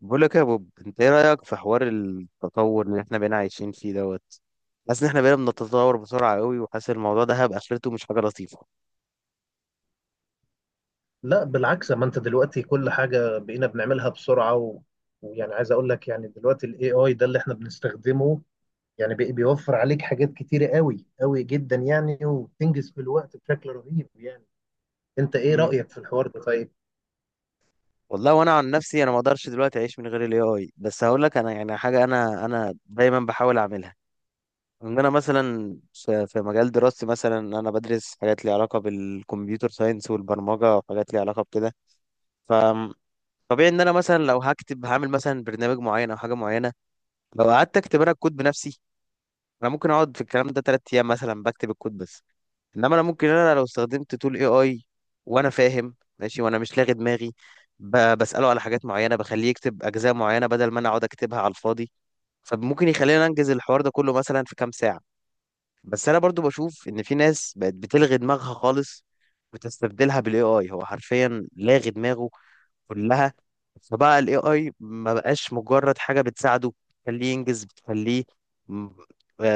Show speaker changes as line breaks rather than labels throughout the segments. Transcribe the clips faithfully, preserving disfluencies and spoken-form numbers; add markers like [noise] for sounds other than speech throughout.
بقول لك يا بوب، انت ايه رايك في حوار التطور اللي احنا بقينا عايشين فيه دوت. حاسس ان احنا بقينا بنتطور بسرعه قوي، وحاسس الموضوع ده هيبقى اخرته مش حاجه لطيفه.
لا بالعكس، ما انت دلوقتي كل حاجة بقينا بنعملها بسرعة و... ويعني عايز اقول لك، يعني دلوقتي الاي اي ده اللي احنا بنستخدمه يعني بي... بيوفر عليك حاجات كتيرة قوي قوي جدا يعني، وبتنجز في الوقت بشكل رهيب يعني. انت ايه
امم.
رأيك في الحوار ده طيب؟
والله وانا عن نفسي، انا ما اقدرش دلوقتي اعيش من غير الاي اي. بس هقول لك انا يعني حاجه انا انا دايما بحاول اعملها. ان انا مثلا في في مجال دراستي، مثلا انا بدرس حاجات ليها علاقه بالكمبيوتر ساينس والبرمجه وحاجات ليها علاقه بكده. ف طبيعي ان انا مثلا لو هكتب هعمل مثلا برنامج معين او حاجه معينه، لو قعدت اكتب انا الكود بنفسي، انا ممكن اقعد في الكلام ده تلات ايام مثلا بكتب الكود بس. انما انا ممكن انا لو استخدمت تول اي اي وانا فاهم ماشي، وانا مش لاغي دماغي، ب- بساله على حاجات معينه، بخليه يكتب اجزاء معينه بدل ما انا اقعد اكتبها على الفاضي. فممكن يخلينا انجز الحوار ده كله مثلا في كام ساعه. بس انا برضو بشوف ان في ناس بقت بتلغي دماغها خالص وتستبدلها بالاي اي. هو حرفيا لاغي دماغه كلها. فبقى الاي اي ما بقاش مجرد حاجه بتساعده بتخليه ينجز، بتخليه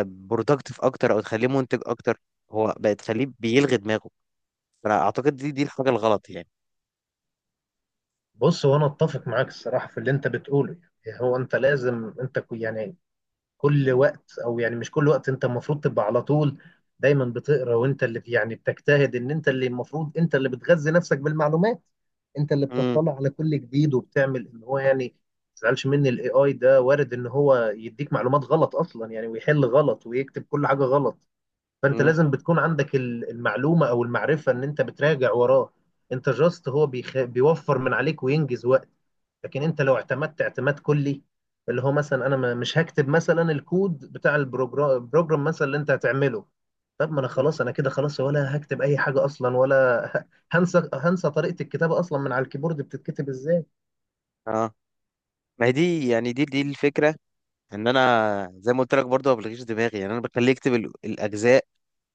برودكتيف اكتر او تخليه منتج اكتر. هو بقت تخليه بيلغي دماغه. فانا اعتقد دي دي الحاجه الغلط يعني.
بص، وانا اتفق معاك الصراحة في اللي انت بتقوله. يعني هو انت لازم انت كو- يعني كل وقت، او يعني مش كل وقت، انت المفروض تبقى على طول دايما بتقرا، وانت اللي يعني بتجتهد ان انت اللي المفروض انت اللي بتغذي نفسك بالمعلومات. انت اللي
امم.
بتطلع على كل جديد، وبتعمل ان هو يعني ما تزعلش مني، الاي اي ده وارد ان هو يديك معلومات غلط اصلا يعني، ويحل غلط، ويكتب كل حاجه غلط. فانت
امم.
لازم بتكون عندك ال- المعلومه او المعرفه ان انت بتراجع وراه. انت جاست هو بيخ... بيوفر من عليك وينجز وقت. لكن انت لو اعتمدت اعتماد كلي، اللي هو مثلا انا ما- مش هكتب مثلا الكود بتاع البروجرام البروجرام مثلا اللي انت هتعمله، طب ما انا خلاص انا كده خلاص، ولا هكتب اي حاجه اصلا، ولا [laughs] ه- هنسى هنسى طريقه الكتابه اصلا من على الكيبورد بتتكتب ازاي.
اه، ما هي دي يعني، دي دي الفكره. ان انا زي ما قلت لك برضه ما بلغيش دماغي يعني. انا بخليه يكتب ال- الاجزاء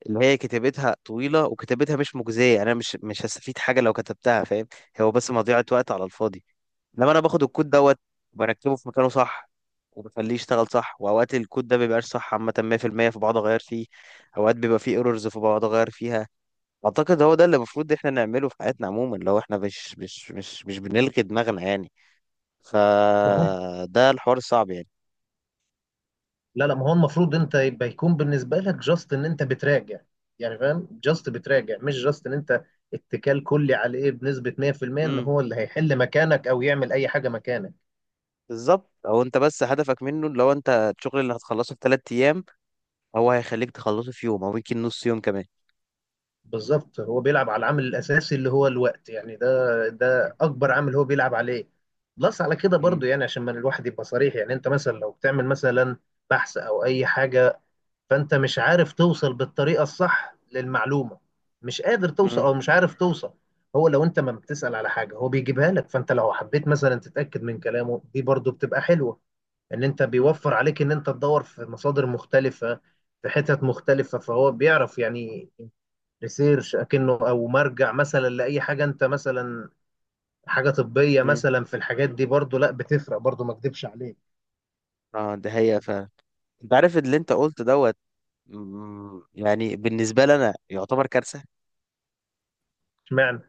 اللي هي كتابتها طويله وكتابتها مش مجزيه. انا مش مش هستفيد حاجه لو كتبتها، فاهم؟ هو بس مضيعه وقت على الفاضي. لما انا باخد الكود دوت وبركبه في مكانه صح، وبخليه يشتغل صح. واوقات الكود ده بيبقاش صح عامه مية في المية، فبقعد اغير فيه. اوقات بيبقى فيه ايرورز، فبقعد اغير فيها. اعتقد هو ده اللي المفروض احنا نعمله في حياتنا عموما، لو احنا مش مش مش مش بنلغي دماغنا يعني.
ما هو،
فده الحوار الصعب يعني.
لا لا ما هو المفروض انت يبقى يكون بالنسبه لك جاست ان انت بتراجع، يعني فاهم، جاست بتراجع، مش جاست ان انت اتكال كلي عليه بنسبه مية في المية ان
امم.
هو اللي هيحل مكانك او يعمل اي حاجه مكانك.
بالظبط. او انت بس هدفك منه، لو انت الشغل اللي هتخلصه في ثلاث ايام، هو هيخليك تخلصه في يوم او يمكن نص يوم كمان.
بالظبط، هو بيلعب على العامل الاساسي اللي هو الوقت، يعني ده ده اكبر عامل هو بيلعب عليه. بلس على كده
امم.
برضو، يعني عشان ما الواحد يبقى صريح، يعني انت مثلا لو بتعمل مثلا بحث او اي حاجه، فانت مش عارف توصل بالطريقه الصح للمعلومه، مش قادر توصل
امم.
او مش عارف توصل. هو لو انت ما بتسال على حاجه هو بيجيبها لك، فانت لو حبيت مثلا تتاكد من كلامه دي برضو بتبقى حلوه، ان انت بيوفر عليك ان انت تدور في مصادر مختلفه، في حتت مختلفه، فهو بيعرف يعني ريسيرش اكنه، او مرجع مثلا لاي حاجه، انت مثلا حاجه طبيه
امم.
مثلا، في الحاجات دي برضو لا بتفرق برضو، ما اكدبش عليك.
اه، ده هي فعلا. انت عارف اللي انت قلت دوت. مم، يعني بالنسبة لي أنا يعتبر كارثة.
اشمعنى؟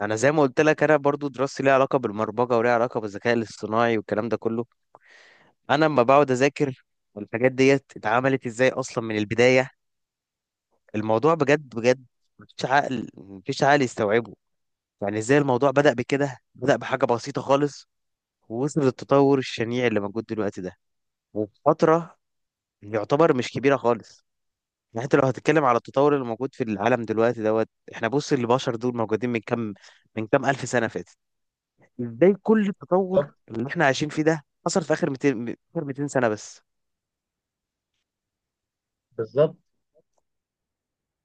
أنا زي ما قلت لك، أنا برضو دراستي ليها علاقة بالبرمجة وليها علاقة بالذكاء الاصطناعي والكلام ده كله. أنا لما بقعد أذاكر الحاجات ديت اتعملت إزاي أصلا من البداية، الموضوع بجد بجد، مفيش عقل، مفيش عقل يستوعبه. يعني إزاي الموضوع بدأ بكده، بدأ بحاجة بسيطة خالص، ووصل للتطور الشنيع اللي موجود دلوقتي ده. وفي فترة يعتبر مش كبيرة خالص. يعني انت لو هتتكلم على التطور اللي موجود في العالم دلوقتي دوت، احنا بص البشر دول موجودين من كام، من كام الف سنه فاتت. ازاي كل التطور
طب،
اللي احنا عايشين فيه ده حصل في اخر مئتين، اخر مئتين سنه بس؟
بالظبط.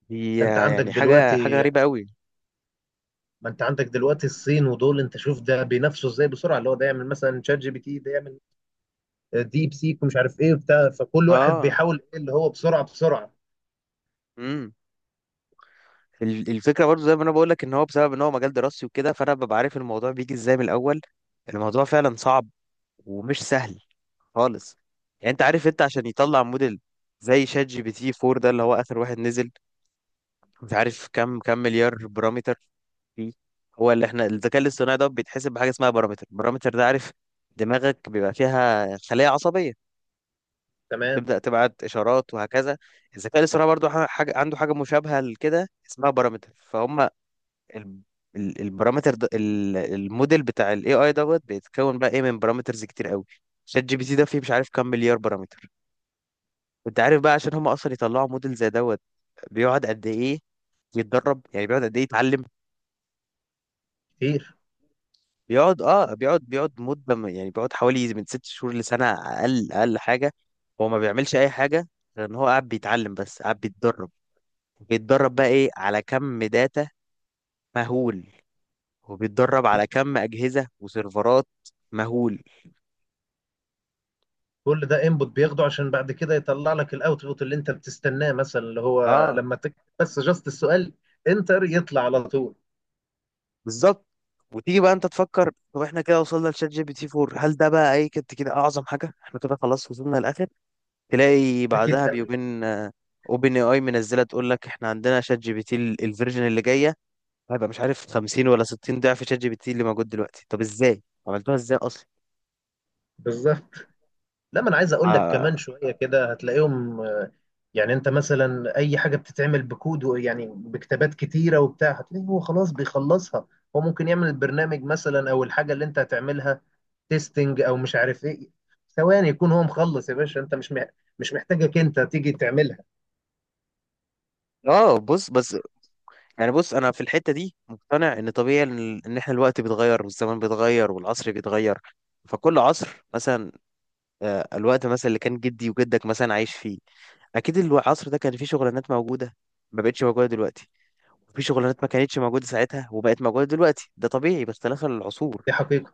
دي
انت عندك
يعني حاجه، حاجه
دلوقتي يعني،
غريبه قوي.
ما انت عندك دلوقتي الصين ودول، انت شوف ده بينافسوا ازاي بسرعه، اللي هو ده يعمل مثلا شات جي بي تي، ده يعمل ديب سيك، ومش عارف ايه وبتاع، فكل واحد
اه.
بيحاول ايه اللي هو بسرعه بسرعه.
امم. ال- الفكره برضو زي ما انا بقول لك، ان هو بسبب ان هو مجال دراسي وكده، فانا ببقى عارف الموضوع بيجي ازاي من الاول. الموضوع فعلا صعب، ومش سهل خالص. يعني انت عارف، انت عشان يطلع موديل زي شات جي بي تي فور ده، اللي هو اخر واحد نزل، مش عارف كم كم مليار بارامتر فيه. هو اللي احنا الذكاء الاصطناعي ده بيتحسب بحاجه اسمها بارامتر. البارامتر ده، عارف دماغك بيبقى فيها خلايا عصبيه،
تمام.
تبدا تبعت اشارات وهكذا. الذكاء الاصطناعي برضو ح- حاجه عنده حاجه مشابهه لكده اسمها بارامتر، فهم. ال- ال- البارامتر ده، ال- الموديل بتاع الاي اي دوت، بيتكون بقى ايه من بارامترز كتير قوي. شات جي بي تي ده فيه مش عارف كم مليار بارامتر. انت عارف بقى عشان هم اصلا يطلعوا موديل زي دوت، بيقعد قد ايه يتدرب، يعني بيقعد قد ايه يتعلم.
كتير.
بيقعد اه، بيقعد بيقعد مدة، م- يعني بيقعد حوالي من ست شهور لسنة، أقل أقل حاجة. هو ما بيعملش أي حاجة غير إن هو قاعد بيتعلم، بس قاعد بيتدرب. بيتدرب بقى إيه على كم داتا مهول، وبيتدرب على كم أجهزة وسيرفرات مهول.
كل ده انبوت بياخده عشان بعد كده يطلع لك الاوتبوت اللي انت بتستناه، مثلا اللي هو
اه
لما تكتب بس جاست السؤال انتر يطلع على طول.
بالظبط. وتيجي بقى أنت تفكر، طب إحنا كده وصلنا لشات جي بي تي فور، هل ده بقى إيه كنت كده أعظم حاجة؟ إحنا كده خلاص وصلنا للآخر؟ تلاقي
اكيد
بعدها
لا.
بيومين اوبن اي اي منزله تقول لك احنا عندنا شات جي بي تي ال- الفيرجن اللي جايه، هيبقى مش عارف خمسين ولا ستين ضعف شات جي بي تي اللي موجود دلوقتي. طب ازاي عملتوها، ازاي اصلا؟
بالظبط. لا، ما انا عايز اقول لك
اه.
كمان شويه كده هتلاقيهم آه، يعني انت مثلا اي حاجه بتتعمل بكود و- يعني بكتابات كتيره وبتاع، هتلاقيه هو خلاص بيخلصها. هو ممكن يعمل البرنامج مثلا، او الحاجه اللي انت هتعملها تيستنج او مش عارف ايه، ثواني يكون هو مخلص، يا باشا انت مش مح- مش محتاجك انت تيجي تعملها.
آه، بص بس. يعني بص، انا في الحتة دي مقتنع ان طبيعي ان إن احنا الوقت بيتغير والزمان بيتغير والعصر بيتغير. فكل عصر مثلا، آه، الوقت مثلا اللي كان جدي وجدك مثلا عايش فيه، اكيد العصر ده كان فيه شغلانات موجودة ما بقتش موجودة دلوقتي. في شغلانات ما كانتش موجودة ساعتها وبقت موجودة دلوقتي. ده طبيعي باختلاف العصور.
دي حقيقه.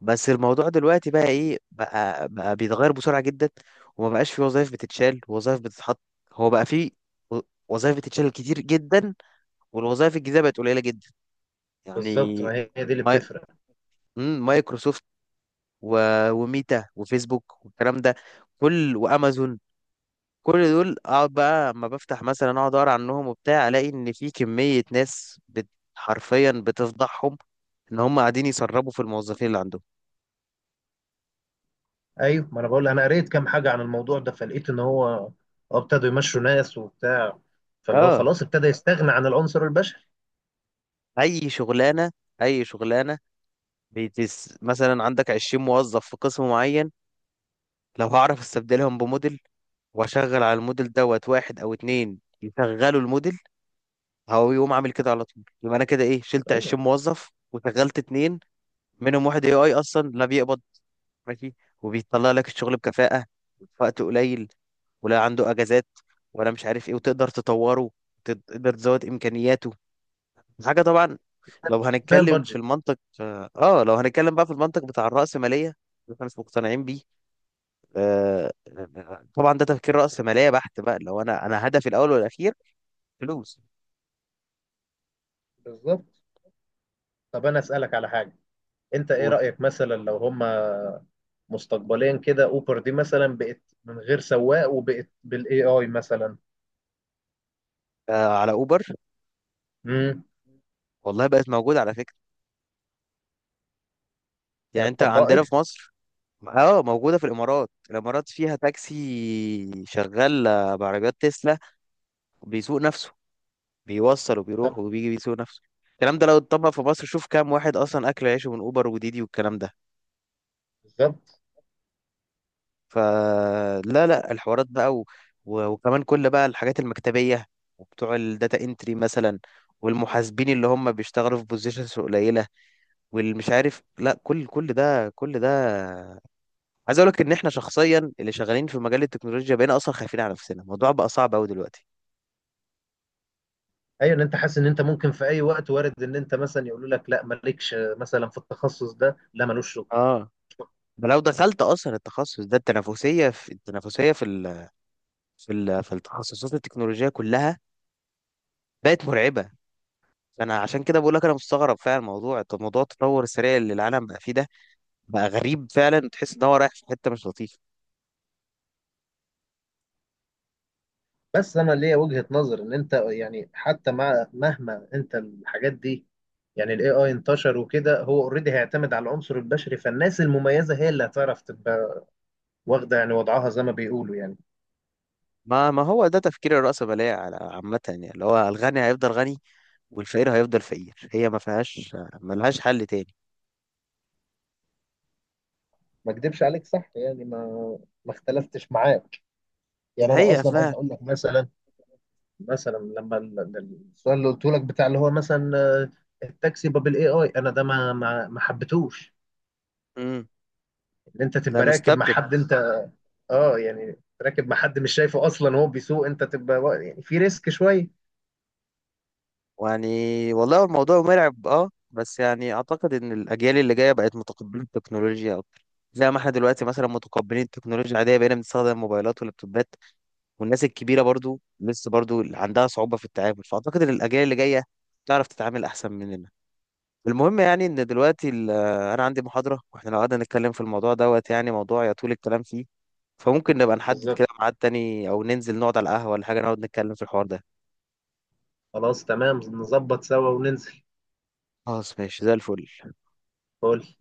بس الموضوع دلوقتي بقى ايه، بقى بقى بيتغير بسرعة جدا. وما بقاش في وظائف بتتشال، وظائف بتتحط. هو بقى في و- وظائف بتتشال كتير جدا، والوظائف الجديدة بقت قليلة جدا
بالظبط،
يعني.
ما هي هي دي اللي
ماي...
بتفرق.
مم، مايكروسوفت و... وميتا وفيسبوك والكلام ده كل، وامازون. كل دول اقعد بقى اما بفتح مثلا، اقعد اقرا عنهم وبتاع، الاقي ان في كمية ناس بت... حرفيا بتفضحهم، ان هم قاعدين يسربوا في الموظفين اللي عندهم.
ايوه، ما انا بقول انا قريت كام حاجه عن الموضوع ده، فلقيت ان هو ابتدوا يمشوا ناس وبتاع، فاللي هو
اه.
خلاص ابتدى يستغنى عن العنصر البشري.
اي شغلانه، اي شغلانه. بتس... مثلا عندك عشرين موظف في قسم معين، لو هعرف استبدلهم بموديل، واشغل على الموديل دوت، واحد او اتنين يشغلوا الموديل، هو يقوم عامل كده على طول. يبقى انا كده ايه، شلت
ايوه،
عشرين موظف وشغلت اتنين منهم واحد اي اي اصلا لا بيقبض، ماشي، وبيطلع لك الشغل بكفاءه في وقت قليل، ولا عنده اجازات، ولا مش عارف ايه، وتقدر تطوره، تقدر تزود امكانياته، حاجة طبعا. لو
كفايه
هنتكلم في
البادجت.
المنطق، اه، آه، لو هنتكلم بقى في المنطق بتاع الرأسمالية اللي احنا مش مقتنعين بيه. آه. طبعا ده تفكير رأسمالية بحت بقى، لو انا انا هدفي الاول والاخير فلوس.
بالظبط. طب انا اسالك على حاجه، انت ايه
قول.
رايك مثلا لو هما مستقبليا كده اوبر دي مثلا بقت من غير سواق، وبقت بالاي اي مثلا؟
آه على اوبر.
امم.
والله بقت موجودة على فكرة. يعني
يعني
انت
اتطبقت؟
عندنا في مصر، اه، موجودة في الامارات. الامارات فيها تاكسي شغال، آه، بعربيات تسلا، بيسوق نفسه. بيوصل وبيروح
طب.
وبيجي بيسوق نفسه. الكلام ده لو اتطبق في مصر، شوف كام واحد اصلا اكل عيشه من اوبر وديدي والكلام ده.
بالظبط.
فلا لا الحوارات بقى، و... و- وكمان كل بقى الحاجات المكتبية، وبتوع الداتا انتري مثلا، والمحاسبين اللي هم بيشتغلوا في بوزيشنز قليلة، واللي مش عارف، لا، كل كل ده كل ده. عايز اقول لك ان احنا شخصيا اللي شغالين في مجال التكنولوجيا بقينا اصلا خايفين على نفسنا. الموضوع بقى صعب قوي دلوقتي.
ايوه، ان انت حاسس ان انت ممكن في اي وقت وارد ان انت مثلا يقولوا لك لا مالكش مثلا في التخصص ده، لا ملوش شغل.
اه. ده لو دخلت اصلا التخصص ده، التنافسيه في التنافسيه في ال... في ال... في التخصصات التكنولوجيه كلها بقت مرعبه. انا عشان كده بقول لك، انا مستغرب فعلا الموضوع. طب موضوع التطور السريع اللي العالم بقى فيه ده بقى غريب فعلا، تحس ان هو رايح في حته مش لطيفه.
بس انا ليا وجهة نظر ان انت يعني حتى مع مهما انت الحاجات دي، يعني الاي اي انتشر وكده، هو اوريدي هيعتمد على العنصر البشري، فالناس المميزة هي اللي هتعرف تبقى واخدة يعني وضعها زي ما بيقولوا يعني.
ما ما هو ده تفكير الرأسمالية على- عامة يعني، اللي هو الغني هيفضل غني والفقير هيفضل فقير. هي ما فيهاش، ما لهاش حل تاني.
ما اكدبش عليك صح يعني، ما ما اختلفتش معاك.
دي
يعني انا
حقيقة
اصلا عايز
فعلا.
اقول لك مثلا، مثلا لما ال- ال- السؤال اللي قلته لك بتاع اللي هو مثلا آه، التاكسي باب الاي اي، انا ده ما ما ما حبيتهوش،
امم.
ان انت
لا،
تبقى راكب مع
نستبدل.
حد انت. اه، يعني راكب مع حد مش شايفه اصلا وهو بيسوق، انت تبقى وا- يعني في ريسك شويه.
يعني والله الموضوع مرعب، اه، بس يعني اعتقد ان الاجيال اللي جايه بقت متقبله التكنولوجيا اكتر. زي ما احنا دلوقتي مثلا متقبلين التكنولوجيا العاديه بقينا بنستخدم الموبايلات واللابتوبات، والناس الكبيرة برضو لسه برضو عندها صعوبة في التعامل. فأعتقد إن الأجيال اللي جاية تعرف تتعامل أحسن مننا. المهم يعني، إن دلوقتي ال- آه، أنا عندي محاضرة، وإحنا لو قعدنا نتكلم في الموضوع دوت يعني، موضوع يطول الكلام فيه. فممكن نبقى نحدد
بالظبط.
كده ميعاد تاني، أو ننزل نقعد على القهوة ولا حاجة نقعد نتكلم في الحوار ده.
خلاص تمام، نظبط سوا وننزل.
خلاص ماشي، زي الفل.
قول.